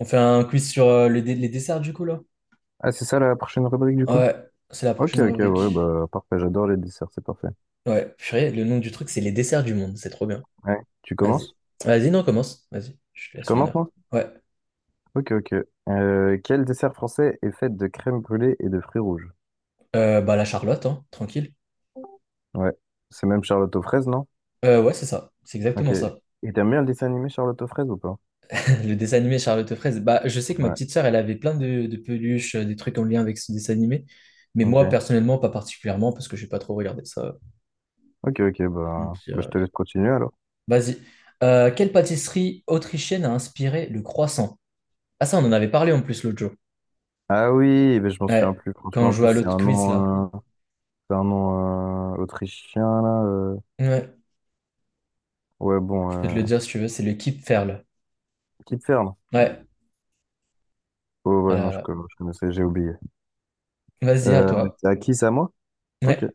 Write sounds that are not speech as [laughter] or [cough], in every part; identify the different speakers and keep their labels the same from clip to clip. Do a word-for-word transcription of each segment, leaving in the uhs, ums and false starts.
Speaker 1: On fait un quiz sur euh, le dé- les desserts du coup là?
Speaker 2: Ah, c'est ça la prochaine rubrique du coup?
Speaker 1: Ouais, c'est la
Speaker 2: Ok,
Speaker 1: prochaine
Speaker 2: ok, ouais,
Speaker 1: rubrique.
Speaker 2: bah parfait, j'adore les desserts, c'est parfait.
Speaker 1: Ouais, purée, le nom du truc c'est les desserts du monde, c'est trop bien.
Speaker 2: Ouais. Tu
Speaker 1: Vas-y.
Speaker 2: commences?
Speaker 1: Vas-y, non, commence. Vas-y, je te
Speaker 2: Je
Speaker 1: laisse
Speaker 2: commence
Speaker 1: l'honneur.
Speaker 2: moi?
Speaker 1: Ouais.
Speaker 2: Ok, ok. Euh, quel dessert français est fait de crème brûlée et de fruits rouges?
Speaker 1: Euh, bah la Charlotte, hein, tranquille.
Speaker 2: Ouais, c'est même Charlotte aux fraises, non?
Speaker 1: Euh, ouais, c'est ça. C'est
Speaker 2: Ok.
Speaker 1: exactement ça.
Speaker 2: Et t'aimes bien le dessin animé Charlotte aux fraises ou pas?
Speaker 1: [laughs] Le dessin animé Charlotte aux fraises. Bah, je sais que ma
Speaker 2: Ouais,
Speaker 1: petite sœur, elle avait plein de, de peluches, euh, des trucs en lien avec ce dessin animé. Mais moi,
Speaker 2: ok.
Speaker 1: personnellement, pas particulièrement, parce que j'ai pas trop regardé ça. Euh,
Speaker 2: Ok, ok,
Speaker 1: pour te
Speaker 2: bah,
Speaker 1: mentir,
Speaker 2: bah je
Speaker 1: euh.
Speaker 2: te laisse continuer alors.
Speaker 1: Vas-y. Euh, quelle pâtisserie autrichienne a inspiré le croissant? Ah ça, on en avait parlé en plus l'autre jour.
Speaker 2: Ah oui, mais je m'en souviens
Speaker 1: Ouais,
Speaker 2: plus,
Speaker 1: quand
Speaker 2: franchement,
Speaker 1: on
Speaker 2: en
Speaker 1: joue
Speaker 2: plus
Speaker 1: à
Speaker 2: c'est
Speaker 1: l'autre
Speaker 2: un
Speaker 1: quiz là.
Speaker 2: nom, euh, c'est un nom euh, autrichien là. euh.
Speaker 1: Ouais,
Speaker 2: Ouais, bon,
Speaker 1: je peux te
Speaker 2: euh...
Speaker 1: le dire si tu veux, c'est le Keep Ferl.
Speaker 2: Kipfern.
Speaker 1: Ouais,
Speaker 2: Oh ouais, non, je,
Speaker 1: voilà,
Speaker 2: co- je connaissais, j'ai oublié.
Speaker 1: voilà. Vas-y, à
Speaker 2: Euh,
Speaker 1: toi.
Speaker 2: c'est à qui ça, moi? Ok.
Speaker 1: Ouais.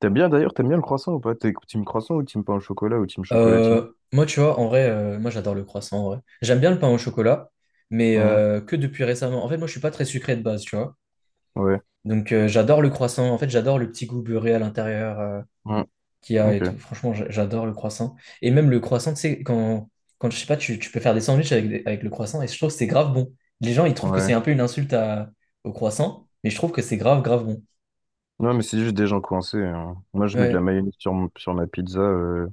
Speaker 2: T'aimes bien d'ailleurs, t'aimes bien le croissant ou pas? T'es team croissant ou team pain au chocolat ou team chocolatine?
Speaker 1: Euh, moi, tu vois, en vrai, euh, moi j'adore le croissant, en vrai. J'aime bien le pain au chocolat, mais
Speaker 2: Hein.
Speaker 1: euh, que depuis récemment. En fait, moi, je suis pas très sucré de base, tu vois.
Speaker 2: Ouais.
Speaker 1: Donc, euh, j'adore le croissant. En fait, j'adore le petit goût beurré à l'intérieur. Euh,
Speaker 2: Hein.
Speaker 1: qu'il y a et
Speaker 2: Ok.
Speaker 1: tout. Franchement, j'a- j'adore le croissant. Et même le croissant, tu sais, quand, quand je sais pas, tu, tu peux faire des sandwichs avec, des- avec le croissant et je trouve que c'est grave bon. Les gens, ils trouvent que c'est
Speaker 2: Ouais.
Speaker 1: un peu une insulte à- au croissant, mais je trouve que c'est grave, grave bon.
Speaker 2: Non, mais c'est juste des gens coincés, hein. Moi, je mets de la
Speaker 1: Ouais.
Speaker 2: mayonnaise sur, mon- sur ma pizza euh,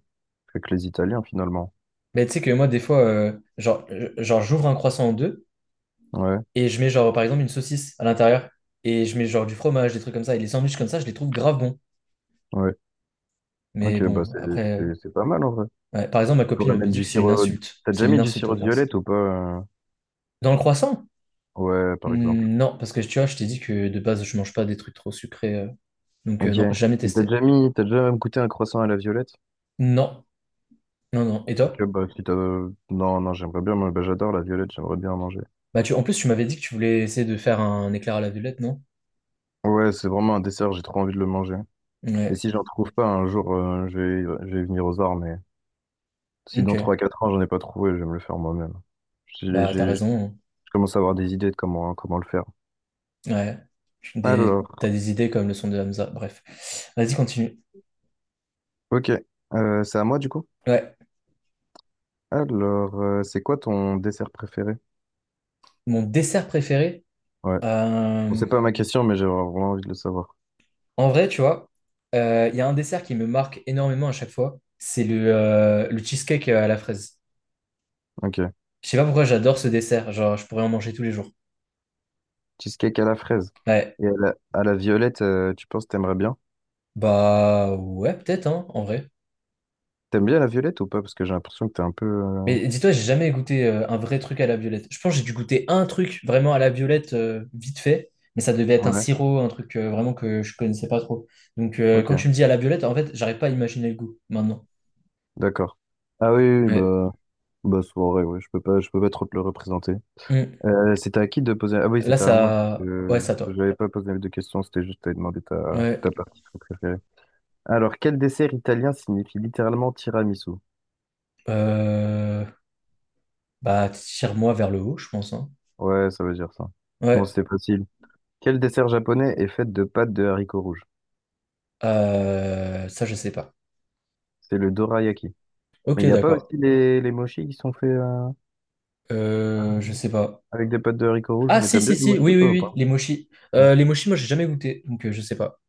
Speaker 2: avec les Italiens finalement.
Speaker 1: Mais tu sais que moi, des fois, euh, genre, euh, genre j'ouvre un croissant en deux
Speaker 2: Ouais.
Speaker 1: et je mets, genre, par exemple, une saucisse à l'intérieur et je mets, genre, du fromage, des trucs comme ça. Et les sandwichs comme ça, je les trouve grave bons.
Speaker 2: Ouais.
Speaker 1: Mais
Speaker 2: Ok, bah
Speaker 1: bon,
Speaker 2: c'est
Speaker 1: après,
Speaker 2: c'est- c'est pas mal en vrai.
Speaker 1: ouais. Par exemple, ma
Speaker 2: Tu pourrais
Speaker 1: copine me
Speaker 2: mettre
Speaker 1: dit
Speaker 2: du
Speaker 1: que c'est une
Speaker 2: sirop.
Speaker 1: insulte.
Speaker 2: T'as
Speaker 1: C'est
Speaker 2: déjà
Speaker 1: une
Speaker 2: mis du
Speaker 1: insulte aux
Speaker 2: sirop de
Speaker 1: Français.
Speaker 2: violette ou pas? euh
Speaker 1: Dans le croissant?
Speaker 2: Ouais, par exemple.
Speaker 1: Hmm, Non, parce que tu vois, je t'ai dit que de base, je mange pas des trucs trop sucrés. Euh, donc, euh,
Speaker 2: Ok.
Speaker 1: non,
Speaker 2: Et
Speaker 1: jamais
Speaker 2: T'as
Speaker 1: testé.
Speaker 2: déjà mis, t'as déjà goûté un croissant à la violette?
Speaker 1: Non, non, non. Et toi?
Speaker 2: Ok, bah si t'as... Non, non, j'aimerais bien, moi, bah, j'adore la violette, j'aimerais bien en manger.
Speaker 1: Bah, tu... En plus, tu m'avais dit que tu voulais essayer de faire un éclair à la violette, non?
Speaker 2: Ouais, c'est vraiment un dessert, j'ai trop envie de le manger. Et
Speaker 1: Ouais,
Speaker 2: si j'en trouve pas un jour, euh, je vais, je vais venir aux arts, mais si dans
Speaker 1: ok.
Speaker 2: trois quatre ans j'en ai pas trouvé, je vais me le faire moi-même. J'ai-
Speaker 1: Bah, t'as
Speaker 2: j'ai-
Speaker 1: raison.
Speaker 2: Je commence à avoir des idées de comment, comment le faire.
Speaker 1: Hein. Ouais. Des-
Speaker 2: Alors,
Speaker 1: T'as des idées comme le son de Hamza. Bref. Vas-y, continue.
Speaker 2: ok. Euh, c'est à moi du coup?
Speaker 1: Ouais.
Speaker 2: Alors, euh, c'est quoi ton dessert préféré?
Speaker 1: Mon dessert préféré?
Speaker 2: Ouais. Bon,
Speaker 1: euh,
Speaker 2: c'est pas ma question, mais j'ai vraiment envie de le savoir.
Speaker 1: En vrai, tu vois, euh, il y a un dessert qui me marque énormément à chaque fois. C'est le, euh, le cheesecake à la fraise.
Speaker 2: Ok.
Speaker 1: Je sais pas pourquoi j'adore ce dessert. Genre, je pourrais en manger tous les jours.
Speaker 2: Cheesecake à la fraise.
Speaker 1: Ouais.
Speaker 2: Et à la, à la violette, euh, tu penses que t'aimerais bien?
Speaker 1: Bah ouais, peut-être, hein, en vrai.
Speaker 2: T'aimes bien la violette ou pas? Parce que j'ai l'impression que t'es un peu. euh,
Speaker 1: Mais dis-toi, j'ai jamais goûté euh, un vrai truc à la violette. Je pense que j'ai dû goûter un truc vraiment à la violette, euh, vite fait, mais ça devait être un
Speaker 2: Ouais.
Speaker 1: sirop, un truc euh, vraiment que je connaissais pas trop. Donc euh,
Speaker 2: Ok.
Speaker 1: quand tu me dis à la violette, en fait, j'arrive pas à imaginer le goût maintenant.
Speaker 2: D'accord. Ah oui, oui, oui,
Speaker 1: Ouais.
Speaker 2: bah, bah soirée, ouais. Je peux pas, je peux pas trop te le représenter.
Speaker 1: Hmm.
Speaker 2: Euh, c'était à qui de poser... Ah oui,
Speaker 1: Là,
Speaker 2: c'était à moi.
Speaker 1: ça... Ouais,
Speaker 2: Euh,
Speaker 1: ça
Speaker 2: je
Speaker 1: toi.
Speaker 2: n'avais pas posé de questions, c'était juste à demander ta,
Speaker 1: Ouais.
Speaker 2: ta partie préférée. Alors, quel dessert italien signifie littéralement tiramisu?
Speaker 1: Euh, Bah, tire-moi vers le haut, je pense, hein.
Speaker 2: Ouais, ça veut dire ça. Bon,
Speaker 1: Ouais.
Speaker 2: c'est facile. Quel dessert japonais est fait de pâtes de haricots rouges?
Speaker 1: Euh, Ça, je sais pas.
Speaker 2: C'est le dorayaki. Mais il
Speaker 1: Ok,
Speaker 2: n'y a pas aussi
Speaker 1: d'accord.
Speaker 2: les, les mochis qui sont faits euh,
Speaker 1: Euh, je sais pas.
Speaker 2: avec des pâtes de haricots rouges?
Speaker 1: Ah
Speaker 2: Mais
Speaker 1: si
Speaker 2: t'aimes
Speaker 1: si
Speaker 2: bien les
Speaker 1: si
Speaker 2: mochis,
Speaker 1: oui oui
Speaker 2: toi, ou
Speaker 1: oui
Speaker 2: pas?
Speaker 1: les mochis.
Speaker 2: Hein.
Speaker 1: Euh, les mochis moi j'ai jamais goûté donc euh, je sais pas.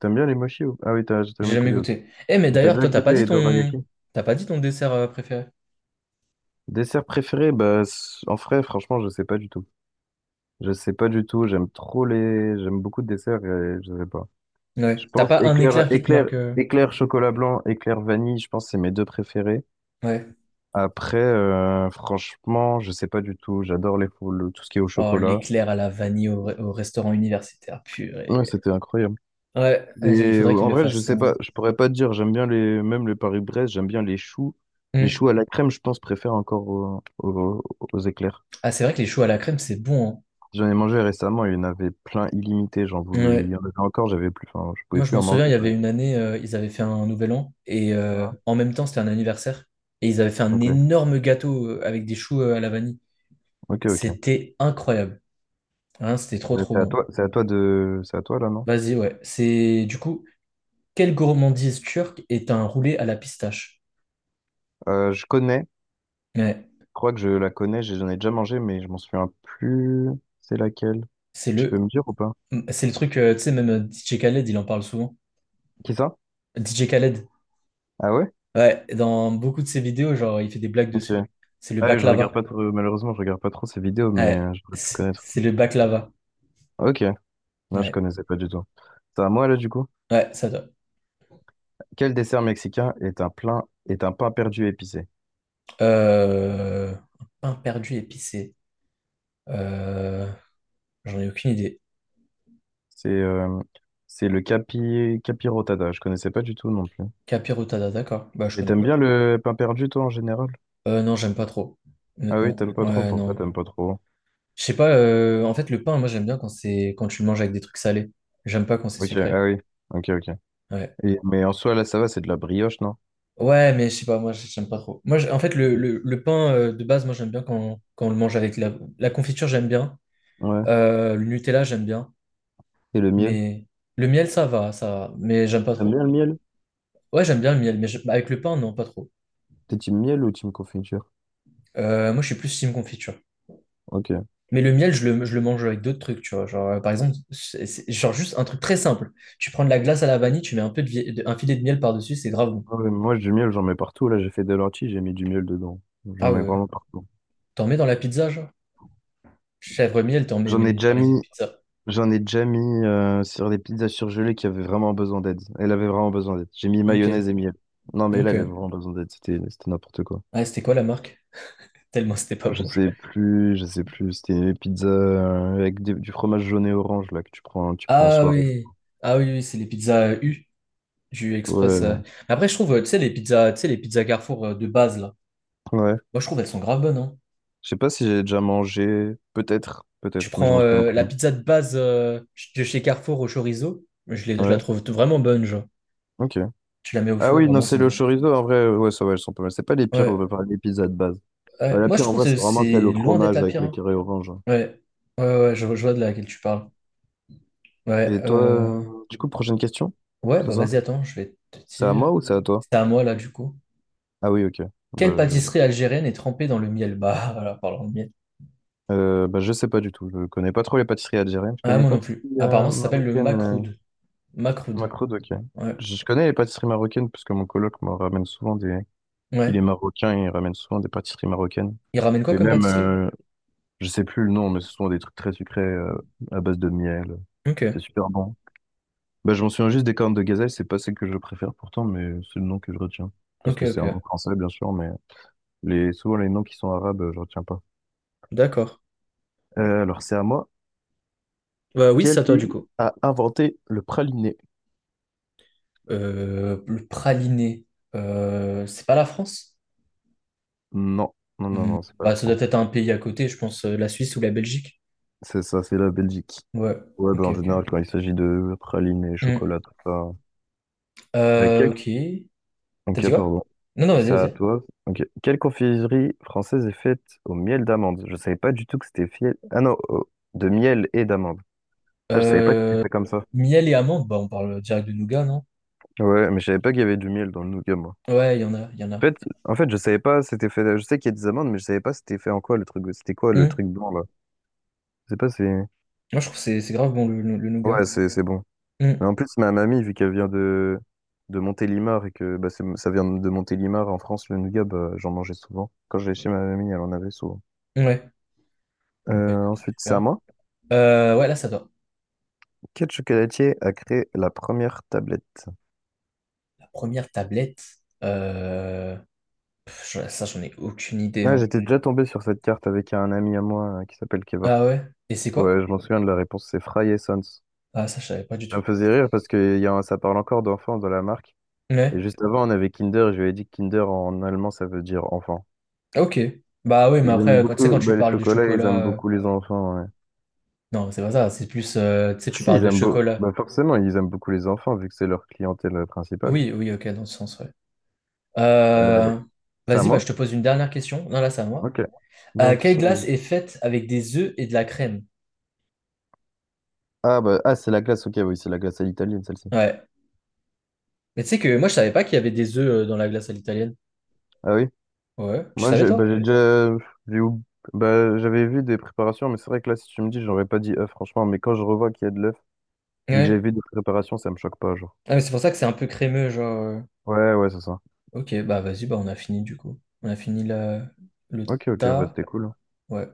Speaker 2: T'aimes bien les mochis ou... Ah oui, t'as t'as
Speaker 1: J'ai
Speaker 2: jamais
Speaker 1: jamais
Speaker 2: goûté, ok.
Speaker 1: goûté, eh mais
Speaker 2: Et t'as
Speaker 1: d'ailleurs
Speaker 2: déjà
Speaker 1: toi t'as
Speaker 2: goûté
Speaker 1: pas dit
Speaker 2: les
Speaker 1: ton
Speaker 2: dorayaki?
Speaker 1: t'as pas dit ton dessert euh, préféré.
Speaker 2: Dessert préféré? Bah, c- en vrai, franchement, je sais pas du tout. Je sais pas du tout, j'aime trop les... J'aime beaucoup de desserts et je sais pas. Je
Speaker 1: Ouais, t'as
Speaker 2: pense
Speaker 1: pas un
Speaker 2: éclair,
Speaker 1: éclair qui te
Speaker 2: éclair,
Speaker 1: marque euh,
Speaker 2: éclair chocolat blanc, éclair vanille, je pense que c'est mes deux préférés.
Speaker 1: ouais.
Speaker 2: Après, euh, franchement, je sais pas du tout. J'adore les fou- le- tout ce qui est au
Speaker 1: Oh
Speaker 2: chocolat.
Speaker 1: l'éclair à la vanille au, au restaurant universitaire
Speaker 2: Ouais,
Speaker 1: purée,
Speaker 2: c'était incroyable.
Speaker 1: ouais
Speaker 2: Et
Speaker 1: euh, il
Speaker 2: euh,
Speaker 1: faudrait qu'il
Speaker 2: en
Speaker 1: le
Speaker 2: vrai, je
Speaker 1: fasse
Speaker 2: sais
Speaker 1: euh.
Speaker 2: pas, je pourrais pas te dire. J'aime bien les, même les Paris-Brest, j'aime bien les choux. Les
Speaker 1: Hmm.
Speaker 2: choux à la crème, je pense, préfère encore aux, aux, aux éclairs.
Speaker 1: Ah c'est vrai que les choux à la crème c'est bon.
Speaker 2: J'en ai mangé récemment, il y en avait plein illimité. J'en
Speaker 1: Hein.
Speaker 2: voulais, il y
Speaker 1: Ouais,
Speaker 2: en avait encore, j'avais plus, enfin, je pouvais
Speaker 1: moi je
Speaker 2: plus
Speaker 1: m'en
Speaker 2: en
Speaker 1: souviens
Speaker 2: manger.
Speaker 1: il y avait
Speaker 2: j'en-
Speaker 1: une année euh, ils avaient fait un nouvel an et euh,
Speaker 2: Ah,
Speaker 1: en même temps c'était un anniversaire et ils avaient fait un
Speaker 2: ok.
Speaker 1: énorme gâteau euh, avec des choux euh, à la vanille,
Speaker 2: Ok, ok.
Speaker 1: c'était incroyable. Hein, c'était trop
Speaker 2: Euh,
Speaker 1: trop
Speaker 2: C'est à
Speaker 1: bon.
Speaker 2: toi, c'est à toi de, c'est à toi là, non?
Speaker 1: Vas-y, ouais. C'est du coup, quelle gourmandise turque est un roulé à la pistache?
Speaker 2: Euh, je connais, je
Speaker 1: Ouais,
Speaker 2: crois que je la connais, j'ai- j'en ai déjà mangé, mais je m'en souviens plus. C'est laquelle?
Speaker 1: c'est
Speaker 2: Tu peux
Speaker 1: le,
Speaker 2: me dire ou pas?
Speaker 1: c'est le truc, euh, tu sais, même euh, D J Khaled, il en parle souvent.
Speaker 2: Qui ça?
Speaker 1: D J Khaled,
Speaker 2: Ah ouais?
Speaker 1: ouais, dans beaucoup de ses vidéos, genre, il fait des blagues
Speaker 2: Ok.
Speaker 1: dessus. C'est le
Speaker 2: Ah oui, je regarde
Speaker 1: baklava.
Speaker 2: pas trop, malheureusement, je regarde pas trop ces vidéos, mais
Speaker 1: Ouais,
Speaker 2: euh, j'aurais pu
Speaker 1: c'est
Speaker 2: connaître.
Speaker 1: c'est le baklava.
Speaker 2: Ok. Non, je
Speaker 1: Ouais,
Speaker 2: connaissais pas du tout. C'est à moi là, du coup.
Speaker 1: ouais, ça doit.
Speaker 2: Quel dessert mexicain est un plein, est un pain perdu épicé?
Speaker 1: Euh, un pain perdu épicé. Euh, J'en ai aucune idée.
Speaker 2: C'est, euh, c'est le capi, capirotada. Je connaissais pas du tout non plus.
Speaker 1: Capirotada, d'accord. Bah, je
Speaker 2: Et
Speaker 1: connais
Speaker 2: t'aimes
Speaker 1: pas.
Speaker 2: bien le pain perdu, toi, en général?
Speaker 1: Euh, non, j'aime pas trop,
Speaker 2: Ah oui,
Speaker 1: honnêtement.
Speaker 2: t'aimes pas trop.
Speaker 1: Ouais,
Speaker 2: Pourquoi
Speaker 1: non.
Speaker 2: t'aimes pas trop?
Speaker 1: Je sais pas, euh, en fait, le pain, moi, j'aime bien quand c'est quand tu le manges avec des trucs salés. J'aime pas quand c'est
Speaker 2: Ok, ah
Speaker 1: sucré.
Speaker 2: oui. Ok, ok.
Speaker 1: Ouais.
Speaker 2: Et- mais en soi, là, ça va, c'est de la brioche, non?
Speaker 1: Ouais, mais je sais pas, moi, j'aime pas trop. Moi, j'- en fait, le,
Speaker 2: Ok.
Speaker 1: le- le pain euh, de base, moi, j'aime bien quand, quand on le mange avec la, la confiture, j'aime bien.
Speaker 2: Ouais.
Speaker 1: Euh, le Nutella, j'aime bien.
Speaker 2: Et le miel?
Speaker 1: Mais le miel, ça va, ça va. Mais j'aime pas
Speaker 2: T'aimes
Speaker 1: trop.
Speaker 2: bien le miel?
Speaker 1: Ouais, j'aime bien le miel, mais je- avec le pain, non, pas trop.
Speaker 2: T'es team miel ou team confiture?
Speaker 1: Euh, moi, je suis plus team confiture.
Speaker 2: Ok.
Speaker 1: Mais le miel, je le, je le mange avec d'autres trucs, tu vois. Genre, euh, par exemple, c'est- c'est- genre juste un truc très simple. Tu prends de la glace à la vanille, tu mets un peu de, vie- de- un filet de miel par-dessus, c'est grave bon.
Speaker 2: Ah ouais, moi, du miel, j'en mets partout. Là, j'ai fait des lentilles, j'ai mis du miel dedans. J'en
Speaker 1: Ah
Speaker 2: mets
Speaker 1: ouais.
Speaker 2: vraiment partout.
Speaker 1: T'en mets dans la pizza, genre? Chèvre miel, t'en mets,
Speaker 2: J'en ai
Speaker 1: mais
Speaker 2: déjà
Speaker 1: dans les autres
Speaker 2: mis,
Speaker 1: pizzas.
Speaker 2: j'en ai déjà mis euh, sur des pizzas surgelées qui avaient vraiment besoin d'aide. Elle avait vraiment besoin d'aide. J'ai mis
Speaker 1: Ok,
Speaker 2: mayonnaise et miel. Non, mais là, elle avait
Speaker 1: ok.
Speaker 2: vraiment besoin d'aide. C'était, c'était n'importe quoi.
Speaker 1: Ah, c'était quoi la marque? Tellement c'était pas
Speaker 2: Je
Speaker 1: bon. je-
Speaker 2: sais plus, je sais plus. C'était une pizza euh, avec des- du fromage jaune et orange là que tu prends, tu prends en
Speaker 1: Ah
Speaker 2: soirée.
Speaker 1: oui. Ah oui, oui, c'est les pizzas euh, U, du Express. euh.
Speaker 2: Ouais,
Speaker 1: Mais après, je trouve, euh, tu sais, les pizzas, tu sais, les pizzas Carrefour euh, de base, là.
Speaker 2: ouais.
Speaker 1: Moi, je trouve elles sont grave bonnes, hein.
Speaker 2: Je sais pas si j'ai déjà mangé. Peut-être,
Speaker 1: Tu
Speaker 2: peut-être, mais je
Speaker 1: prends
Speaker 2: m'en souviens
Speaker 1: euh, la
Speaker 2: plus.
Speaker 1: pizza de base euh, de chez Carrefour au chorizo, je, l'ai- je la
Speaker 2: Ouais,
Speaker 1: trouve vraiment bonne, genre.
Speaker 2: ok.
Speaker 1: Tu la mets au
Speaker 2: Ah
Speaker 1: four,
Speaker 2: oui, non,
Speaker 1: vraiment,
Speaker 2: c'est
Speaker 1: c'est
Speaker 2: le
Speaker 1: bon.
Speaker 2: chorizo. En vrai, ouais, ça va, elles sont pas mal. C'est pas les pires, euh,
Speaker 1: Ouais,
Speaker 2: enfin, les pizzas de base. Bah,
Speaker 1: ouais.
Speaker 2: la
Speaker 1: Moi, je
Speaker 2: pire, en
Speaker 1: trouve
Speaker 2: vrai,
Speaker 1: que
Speaker 2: c'est vraiment celle
Speaker 1: c'est
Speaker 2: au
Speaker 1: loin d'être
Speaker 2: fromage
Speaker 1: la
Speaker 2: avec
Speaker 1: pire,
Speaker 2: les
Speaker 1: hein.
Speaker 2: carrés orange.
Speaker 1: Ouais, ouais, ouais, je, je vois de laquelle tu parles. Ouais,
Speaker 2: Et toi,
Speaker 1: euh,
Speaker 2: euh, du coup, prochaine question?
Speaker 1: ouais,
Speaker 2: C'est
Speaker 1: bah
Speaker 2: ça?
Speaker 1: vas-y, attends, je vais te
Speaker 2: C'est à moi
Speaker 1: dire.
Speaker 2: ou c'est à toi?
Speaker 1: C'est à moi là, du coup.
Speaker 2: Ah oui, ok.
Speaker 1: Quelle
Speaker 2: Bah, je...
Speaker 1: pâtisserie algérienne est trempée dans le miel? Bah, [laughs] voilà, parlant de miel.
Speaker 2: euh, bah, je sais pas du tout. Je connais pas trop les pâtisseries algériennes. Je
Speaker 1: Ah,
Speaker 2: connais
Speaker 1: moi
Speaker 2: pas
Speaker 1: non plus.
Speaker 2: pâtisseries euh,
Speaker 1: Apparemment, ça s'appelle le
Speaker 2: marocaines. euh,
Speaker 1: makroud. Makroud.
Speaker 2: Macroud, ok.
Speaker 1: Ouais.
Speaker 2: Je je connais les pâtisseries marocaines parce que mon coloc me ramène souvent des. Il est
Speaker 1: Ouais.
Speaker 2: marocain et il ramène souvent des pâtisseries marocaines.
Speaker 1: Il ramène quoi
Speaker 2: Et
Speaker 1: comme
Speaker 2: même,
Speaker 1: pâtisserie?
Speaker 2: euh, je sais plus le nom, mais ce sont des trucs très sucrés euh, à base de miel. C'est
Speaker 1: Ok.
Speaker 2: super bon. Bah, je m'en souviens juste des cornes de gazelle, c'est pas celle que je préfère pourtant, mais c'est le nom que je retiens. Parce
Speaker 1: Ok,
Speaker 2: que c'est un nom
Speaker 1: ok.
Speaker 2: français, bien sûr, mais les, souvent les noms qui sont arabes, euh, je retiens pas.
Speaker 1: D'accord.
Speaker 2: Euh, alors, c'est à moi.
Speaker 1: Bah oui, c'est
Speaker 2: Quel
Speaker 1: à toi,
Speaker 2: pays
Speaker 1: du coup.
Speaker 2: a inventé le praliné?
Speaker 1: Euh, le praliné. Euh, c'est pas la France?
Speaker 2: Non, non, non,
Speaker 1: Hmm.
Speaker 2: non, c'est pas la
Speaker 1: Bah, ça
Speaker 2: France.
Speaker 1: doit être un pays à côté, je pense, euh, la Suisse ou la Belgique.
Speaker 2: C'est ça, c'est la Belgique.
Speaker 1: Ouais.
Speaker 2: Ouais, bah,
Speaker 1: Ok,
Speaker 2: en général,
Speaker 1: ok.
Speaker 2: quand il s'agit de praliné,
Speaker 1: Hmm.
Speaker 2: chocolat, tout ça. Euh,
Speaker 1: Euh,
Speaker 2: quel...
Speaker 1: ok. T'as
Speaker 2: Ok,
Speaker 1: dit quoi?
Speaker 2: pardon.
Speaker 1: Non, non, vas-y,
Speaker 2: C'est à
Speaker 1: vas-y.
Speaker 2: toi. Ok. Quelle confiserie française est faite au miel d'amande? Je savais pas du tout que c'était fiel. Ah non, au- de miel et d'amande. Putain, je savais pas que c'était
Speaker 1: Euh,
Speaker 2: fait comme ça.
Speaker 1: Miel et amande, bah on parle direct de nougat, non?
Speaker 2: Ouais, mais je savais pas qu'il y avait du miel dans le nougat, moi.
Speaker 1: Ouais, il y en a, il y en
Speaker 2: En
Speaker 1: a.
Speaker 2: fait, en fait, je savais pas c'était fait. Je sais qu'il y a des amandes, mais je savais pas c'était fait en quoi le truc. C'était quoi le
Speaker 1: Hum.
Speaker 2: truc blanc là? Je sais pas si.
Speaker 1: Moi, je trouve que c'est c'est grave bon le, le, le nougat.
Speaker 2: Ouais, c'est c'est bon.
Speaker 1: Hum.
Speaker 2: Mais en plus, ma mamie, vu qu'elle vient de de Montélimar et que bah, c'est- ça vient de Montélimar en France, le nougat, bah, j'en mangeais souvent. Quand j'allais chez ma mamie, elle en avait souvent.
Speaker 1: Ouais. Bon, bah,
Speaker 2: Euh,
Speaker 1: écoute,
Speaker 2: ensuite, c'est à
Speaker 1: super.
Speaker 2: moi.
Speaker 1: Euh, ouais, là, ça doit.
Speaker 2: Quel chocolatier a créé la première tablette?
Speaker 1: La première tablette. euh, Pff, je- ça, j'en ai aucune idée.
Speaker 2: Ah,
Speaker 1: Hein.
Speaker 2: j'étais déjà tombé sur cette carte avec un ami à moi euh, qui s'appelle
Speaker 1: Ah
Speaker 2: Kevork.
Speaker 1: ouais? Et c'est quoi?
Speaker 2: Ouais, je m'en souviens de la réponse, c'est Fry et Sons. Ça
Speaker 1: Ah, ça, je savais pas du tout.
Speaker 2: me faisait rire parce que y a un- ça parle encore d'enfants dans la marque. Et
Speaker 1: Ouais.
Speaker 2: juste avant, on avait Kinder, je lui avais dit que Kinder en allemand, ça veut dire enfant.
Speaker 1: Ah, ok. Bah oui,
Speaker 2: Ils
Speaker 1: mais
Speaker 2: aiment
Speaker 1: après, quand, tu sais, quand
Speaker 2: beaucoup
Speaker 1: tu
Speaker 2: bah, les
Speaker 1: parles de
Speaker 2: chocolats, ils aiment
Speaker 1: chocolat. euh,
Speaker 2: beaucoup les enfants, ouais.
Speaker 1: Non, c'est pas ça. C'est plus. Euh, tu sais,
Speaker 2: Bah,
Speaker 1: tu
Speaker 2: si,
Speaker 1: parles
Speaker 2: ils
Speaker 1: de
Speaker 2: aiment beau-
Speaker 1: chocolat.
Speaker 2: bah, forcément, ils aiment beaucoup les enfants vu que c'est leur clientèle euh, principale.
Speaker 1: Oui, oui, ok, dans ce sens, ouais.
Speaker 2: Euh,
Speaker 1: Euh,
Speaker 2: c'est à
Speaker 1: Vas-y, bah, je
Speaker 2: moi?
Speaker 1: te pose une dernière question. Non, là, c'est à moi.
Speaker 2: Ok.
Speaker 1: Euh,
Speaker 2: Donc, ils
Speaker 1: quelle glace
Speaker 2: sont-
Speaker 1: est faite avec des œufs et de la crème?
Speaker 2: Ah, bah, ah c'est la glace, ok, oui, c'est la glace à l'italienne, celle-ci.
Speaker 1: Ouais. Mais tu sais que moi, je savais pas qu'il y avait des œufs euh, dans la glace à l'italienne.
Speaker 2: Ah oui,
Speaker 1: Ouais. Tu
Speaker 2: moi,
Speaker 1: savais,
Speaker 2: j'ai bah,
Speaker 1: toi?
Speaker 2: j'ai déjà j'ai oub- bah, j'avais vu des préparations, mais c'est vrai que là, si tu me dis, j'aurais pas dit œuf, franchement. Mais quand je revois qu'il y a de l'œuf, vu que j'avais
Speaker 1: Ouais.
Speaker 2: vu des préparations, ça me choque pas, genre.
Speaker 1: Ah, mais c'est pour ça que c'est un peu crémeux, genre. euh.
Speaker 2: Ouais, ouais, c'est ça.
Speaker 1: Ok, bah vas-y, bah on a fini du coup. On a fini la... le
Speaker 2: Ok, ok, bah
Speaker 1: tas.
Speaker 2: c'était cool.
Speaker 1: Ouais.